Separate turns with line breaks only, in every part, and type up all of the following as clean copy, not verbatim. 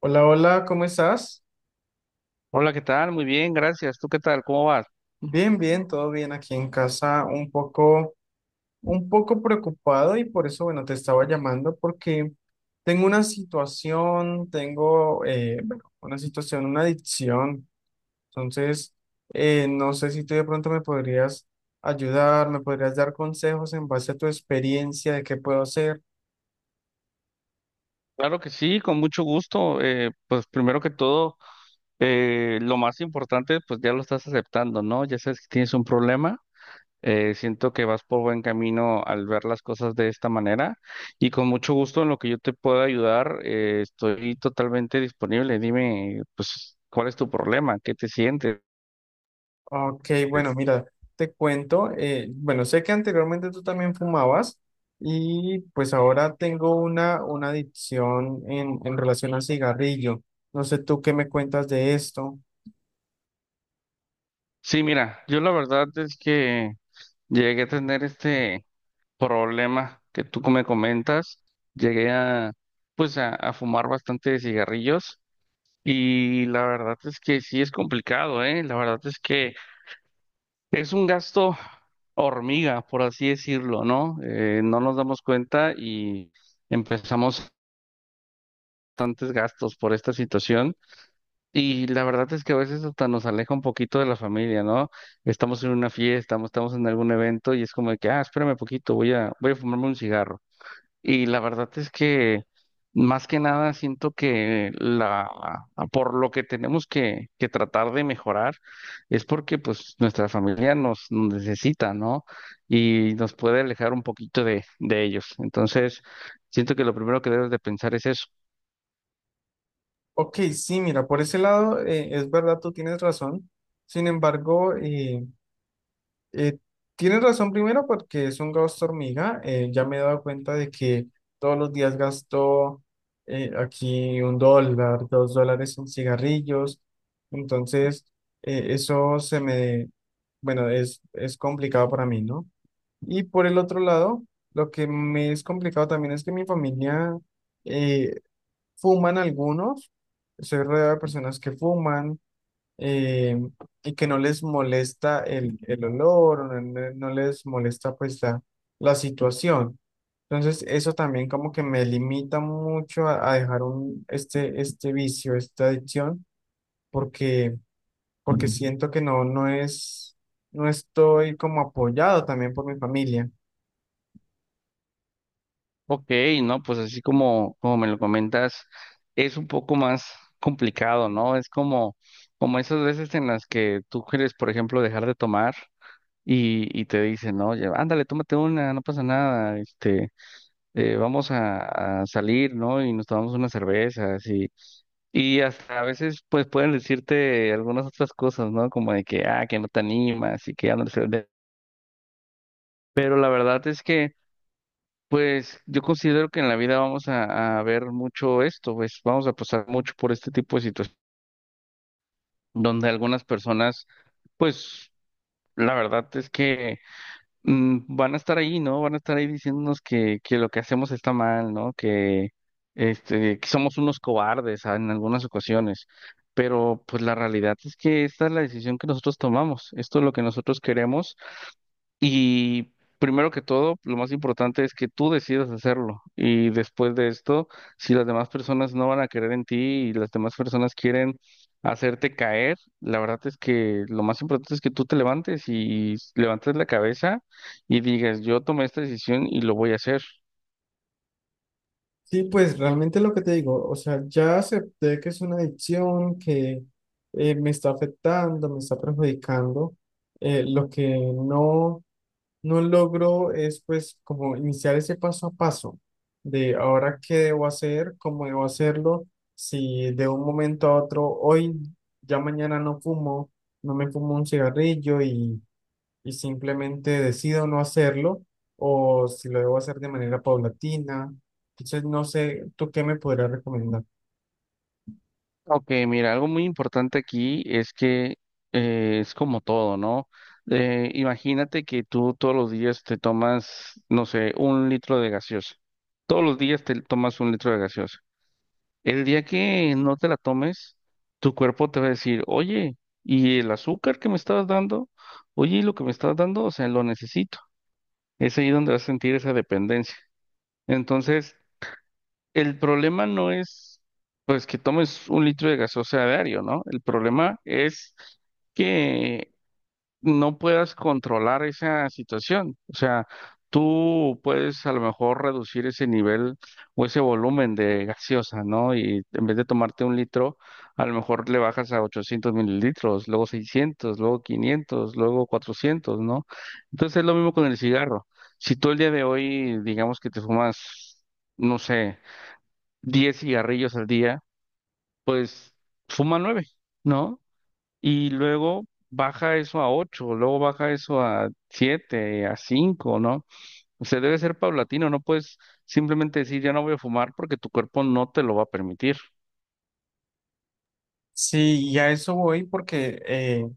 Hola, hola, ¿cómo estás?
Hola, ¿qué tal? Muy bien, gracias. ¿Tú qué tal? ¿Cómo vas?
Bien, bien, todo bien aquí en casa, un poco preocupado y por eso, bueno, te estaba llamando porque tengo una situación, tengo, bueno, una situación, una adicción. Entonces, no sé si tú de pronto me podrías ayudar, me podrías dar consejos en base a tu experiencia de qué puedo hacer.
Claro que sí, con mucho gusto. Pues primero que todo, lo más importante, pues ya lo estás aceptando, ¿no? Ya sabes que tienes un problema. Siento que vas por buen camino al ver las cosas de esta manera y con mucho gusto en lo que yo te pueda ayudar, estoy totalmente disponible. Dime, pues, ¿cuál es tu problema? ¿Qué te sientes?
Ok, bueno, mira, te cuento, bueno, sé que anteriormente tú también fumabas y pues ahora tengo una adicción en relación al cigarrillo. No sé tú qué me cuentas de esto.
Sí, mira, yo la verdad es que llegué a tener problema que tú me comentas, llegué a fumar bastante cigarrillos y la verdad es que sí es complicado, ¿eh? La verdad es que es un gasto hormiga, por así decirlo, ¿no? No nos damos cuenta y empezamos bastantes gastos por esta situación y la verdad es que a veces hasta nos aleja un poquito de la familia, ¿no? Estamos en una fiesta, estamos en algún evento y es como de que, ah, espérame poquito, voy a fumarme un cigarro. Y la verdad es que más que nada siento que la por lo que tenemos que tratar de mejorar es porque pues nuestra familia nos necesita, ¿no? Y nos puede alejar un poquito de ellos. Entonces, siento que lo primero que debes de pensar es eso.
Ok, sí, mira, por ese lado es verdad, tú tienes razón. Sin embargo, Eh, tienes razón primero porque es un gasto hormiga. Ya me he dado cuenta de que todos los días gasto aquí $1, $2 en cigarrillos. Entonces, eso se me, bueno, es complicado para mí, ¿no? Y por el otro lado, lo que me es complicado también es que mi familia eh, fuman algunos. Soy rodeado de personas que fuman, eh, y que no les molesta el olor, o no, no les molesta pues la situación. Entonces eso también como que me limita mucho a dejar un, este vicio, esta adicción, porque, porque ujú, siento que no es, no estoy como apoyado también por mi familia.
Ok, ¿no? Pues así como me lo comentas, es un poco más complicado, ¿no? Es como esas veces en las que tú quieres, por ejemplo, dejar de tomar. Y te dicen, ¿no? Oye, ándale, tómate una, no pasa nada, vamos a salir, ¿no? Y nos tomamos unas cervezas y hasta a veces pues pueden decirte algunas otras cosas, ¿no? Como de que, ah, que no te animas y que ya no se de- pero la verdad es que, pues yo considero que en la vida vamos a ver mucho esto, pues vamos a pasar mucho por este tipo de situaciones donde algunas personas, pues la verdad es que... van a estar ahí, ¿no? Van a estar ahí diciéndonos que lo que hacemos está mal, ¿no? Que, que somos unos cobardes, en algunas ocasiones. Pero pues la realidad es que esta es la decisión que nosotros tomamos. Esto es lo que nosotros queremos y primero que todo, lo más importante es que tú decidas hacerlo. Y después de esto, si las demás personas no van a querer en ti y las demás personas quieren hacerte caer, la verdad es que lo más importante es que tú te levantes y levantes la cabeza y digas, yo tomé esta decisión y lo voy a hacer.
Sí, pues realmente lo que te digo, o sea, ya acepté que es una adicción que me está afectando, me está perjudicando. Lo que no logro es pues como iniciar ese paso a paso de ahora qué debo hacer, cómo debo hacerlo, si de un momento a otro, hoy, ya mañana no fumo, no me fumo un cigarrillo y simplemente decido no hacerlo, o si lo debo hacer de manera paulatina. Entonces, no sé, ¿tú qué me podrías recomendar?
Ok, mira, algo muy importante aquí es que es como todo, ¿no? Imagínate que tú todos los días te tomas, no sé, un litro de gaseosa. Todos los días te tomas un litro de gaseosa. El día que no te la tomes, tu cuerpo te va a decir, oye, ¿y el azúcar que me estabas dando? Oye, ¿y lo que me estabas dando? O sea, lo necesito. Es ahí donde vas a sentir esa dependencia. Entonces, el problema no es, pues, que tomes un litro de gaseosa a diario, ¿no? El problema es que no puedas controlar esa situación. O sea, tú puedes a lo mejor reducir ese nivel o ese volumen de gaseosa, ¿no? Y en vez de tomarte un litro, a lo mejor le bajas a 800 ml, luego 600, luego 500, luego 400, ¿no? Entonces es lo mismo con el cigarro. Si tú el día de hoy, digamos que te fumas, no sé, 10 cigarrillos al día, fuma 9, ¿no? Y luego baja eso a 8, luego baja eso a 7, a 5, ¿no? O sea, debe ser paulatino, no puedes simplemente decir ya no voy a fumar porque tu cuerpo no te lo va a permitir.
Sí, y a eso voy porque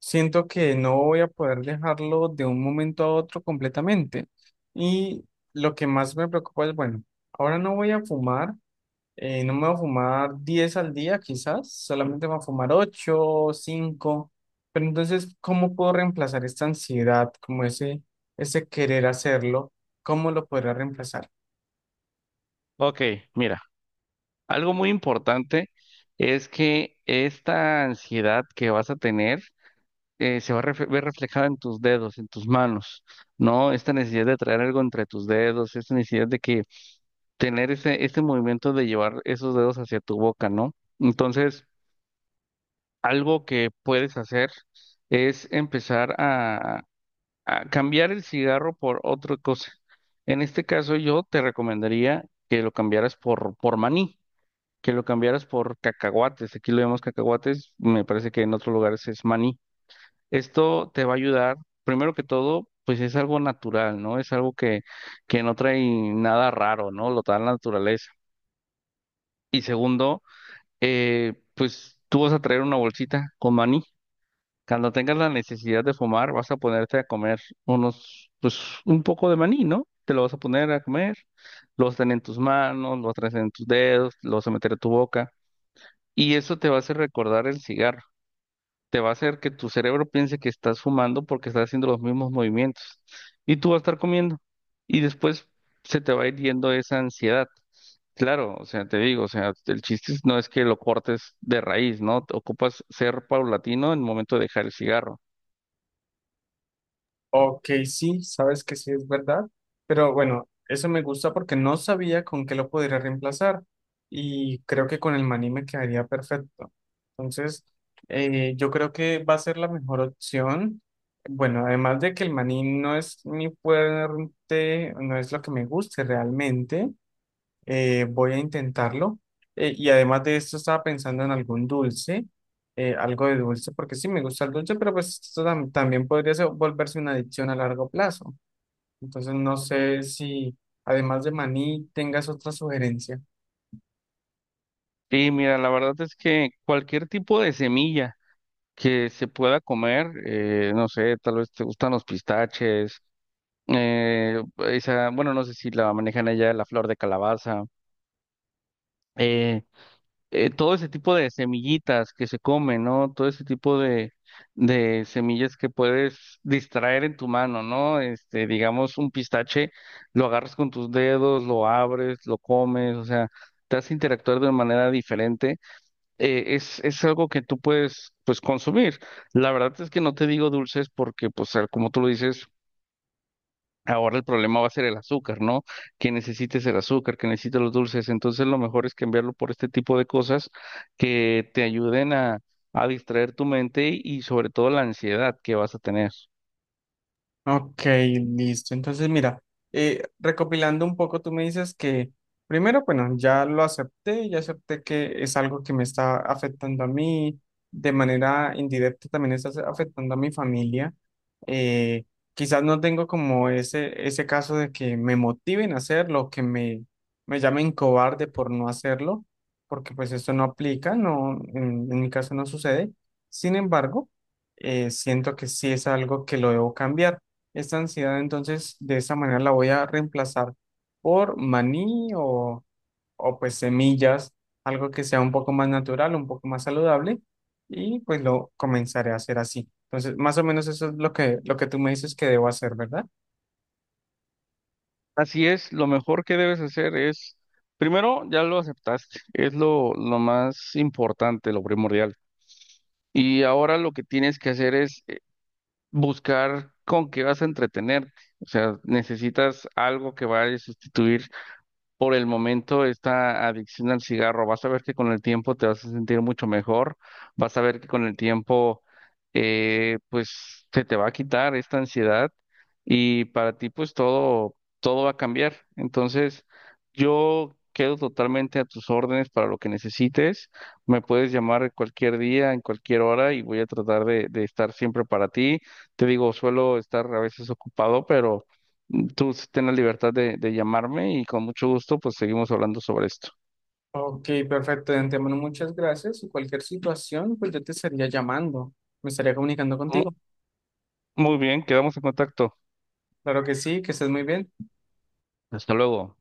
siento que no voy a poder dejarlo de un momento a otro completamente. Y lo que más me preocupa es, bueno, ahora no voy a fumar, no me voy a fumar 10 al día quizás, solamente me voy a fumar 8 5, pero entonces, ¿cómo puedo reemplazar esta ansiedad, como ese querer hacerlo? ¿Cómo lo podría reemplazar?
Ok, mira, algo muy importante es que esta ansiedad que vas a tener se va a ver reflejada en tus dedos, en tus manos, ¿no? Esta necesidad de traer algo entre tus dedos, esta necesidad de que tener ese, ese movimiento de llevar esos dedos hacia tu boca, ¿no? Entonces, algo que puedes hacer es empezar a cambiar el cigarro por otra cosa. En este caso, yo te recomendaría que lo cambiaras por maní, que lo cambiaras por cacahuates. Aquí lo llamamos cacahuates, me parece que en otros lugares es maní. Esto te va a ayudar, primero que todo, pues es algo natural, ¿no? Es algo que no trae nada raro, ¿no? Lo da la naturaleza. Y segundo, pues tú vas a traer una bolsita con maní. Cuando tengas la necesidad de fumar, vas a ponerte a comer unos, pues un poco de maní, ¿no? Te lo vas a poner a comer, lo vas a tener en tus manos, lo vas a tener en tus dedos, lo vas a meter a tu boca. Y eso te va a hacer recordar el cigarro, te va a hacer que tu cerebro piense que estás fumando porque estás haciendo los mismos movimientos y tú vas a estar comiendo y después se te va a ir yendo esa ansiedad. Claro, o sea, te digo, o sea, no es que lo cortes de raíz, ¿no? Te ocupas ser paulatino en el momento de dejar el cigarro.
Ok, sí, sabes que sí es verdad, pero bueno, eso me gusta porque no sabía con qué lo podría reemplazar y creo que con el maní me quedaría perfecto. Entonces, yo creo que va a ser la mejor opción. Bueno, además de que el maní no es mi fuerte, no es lo que me guste realmente, voy a intentarlo. Y además de esto, estaba pensando en algún dulce, algo de dulce, porque sí me gusta el dulce, pero pues esto tam- también podría ser- volverse una adicción a largo plazo. Entonces, no sé si además de maní tengas otra sugerencia.
Y mira, la verdad es que cualquier tipo de semilla que se pueda comer, no sé, tal vez te gustan los pistaches, esa, bueno, no sé si la manejan allá, la flor de calabaza. eh, Todo ese tipo de semillitas que se comen, ¿no? Todo ese tipo de semillas que puedes distraer en tu mano, ¿no? Este, digamos, un pistache, lo agarras con tus dedos, lo abres, lo comes, o sea, te hace interactuar de manera diferente. Es algo que tú puedes, pues, consumir. La verdad es que no te digo dulces porque, pues, como tú lo dices, ahora el problema va a ser el azúcar, ¿no? Que necesites el azúcar, que necesites los dulces. Entonces lo mejor es cambiarlo por este tipo de cosas que te ayuden a distraer tu mente y sobre todo la ansiedad que vas a tener.
Ok, listo. Entonces, mira, recopilando un poco, tú me dices que primero, bueno, ya lo acepté, ya acepté que es algo que me está afectando a mí, de manera indirecta también está afectando a mi familia. Eh, quizás no tengo como ese caso de que me motiven a hacerlo, me llamen cobarde por no hacerlo, porque pues esto no aplica, no, en mi caso no sucede. Sin embargo, siento que sí es algo que lo debo cambiar. Esta ansiedad, entonces, de esa manera la voy a reemplazar por maní o pues semillas, algo que sea un poco más natural, un poco más saludable, y pues lo comenzaré a hacer así. Entonces, más o menos eso es lo que tú me dices que debo hacer, ¿verdad?
Así es, lo mejor que debes hacer es, primero, ya lo aceptaste, es lo más importante, lo primordial. Y ahora lo que tienes que hacer es buscar con qué vas a entretenerte. O sea, necesitas algo que vaya a sustituir por el momento esta adicción al cigarro. Vas a ver que con el tiempo te vas a sentir mucho mejor, vas a ver que con el tiempo pues se te va a quitar esta ansiedad y para ti pues todo, todo va a cambiar. Entonces yo quedo totalmente a tus órdenes para lo que necesites. Me puedes llamar cualquier día, en cualquier hora y voy a tratar de estar siempre para ti. Te digo, suelo estar a veces ocupado, pero... Tú sí ten la libertad de llamarme y con mucho gusto pues seguimos hablando sobre esto.
Ok, perfecto. De antemano, muchas gracias. Y cualquier situación, pues yo te estaría llamando, me estaría comunicando
Mu-
contigo.
Muy bien, quedamos en contacto.
Claro que sí, que estés muy bien.
Hasta luego.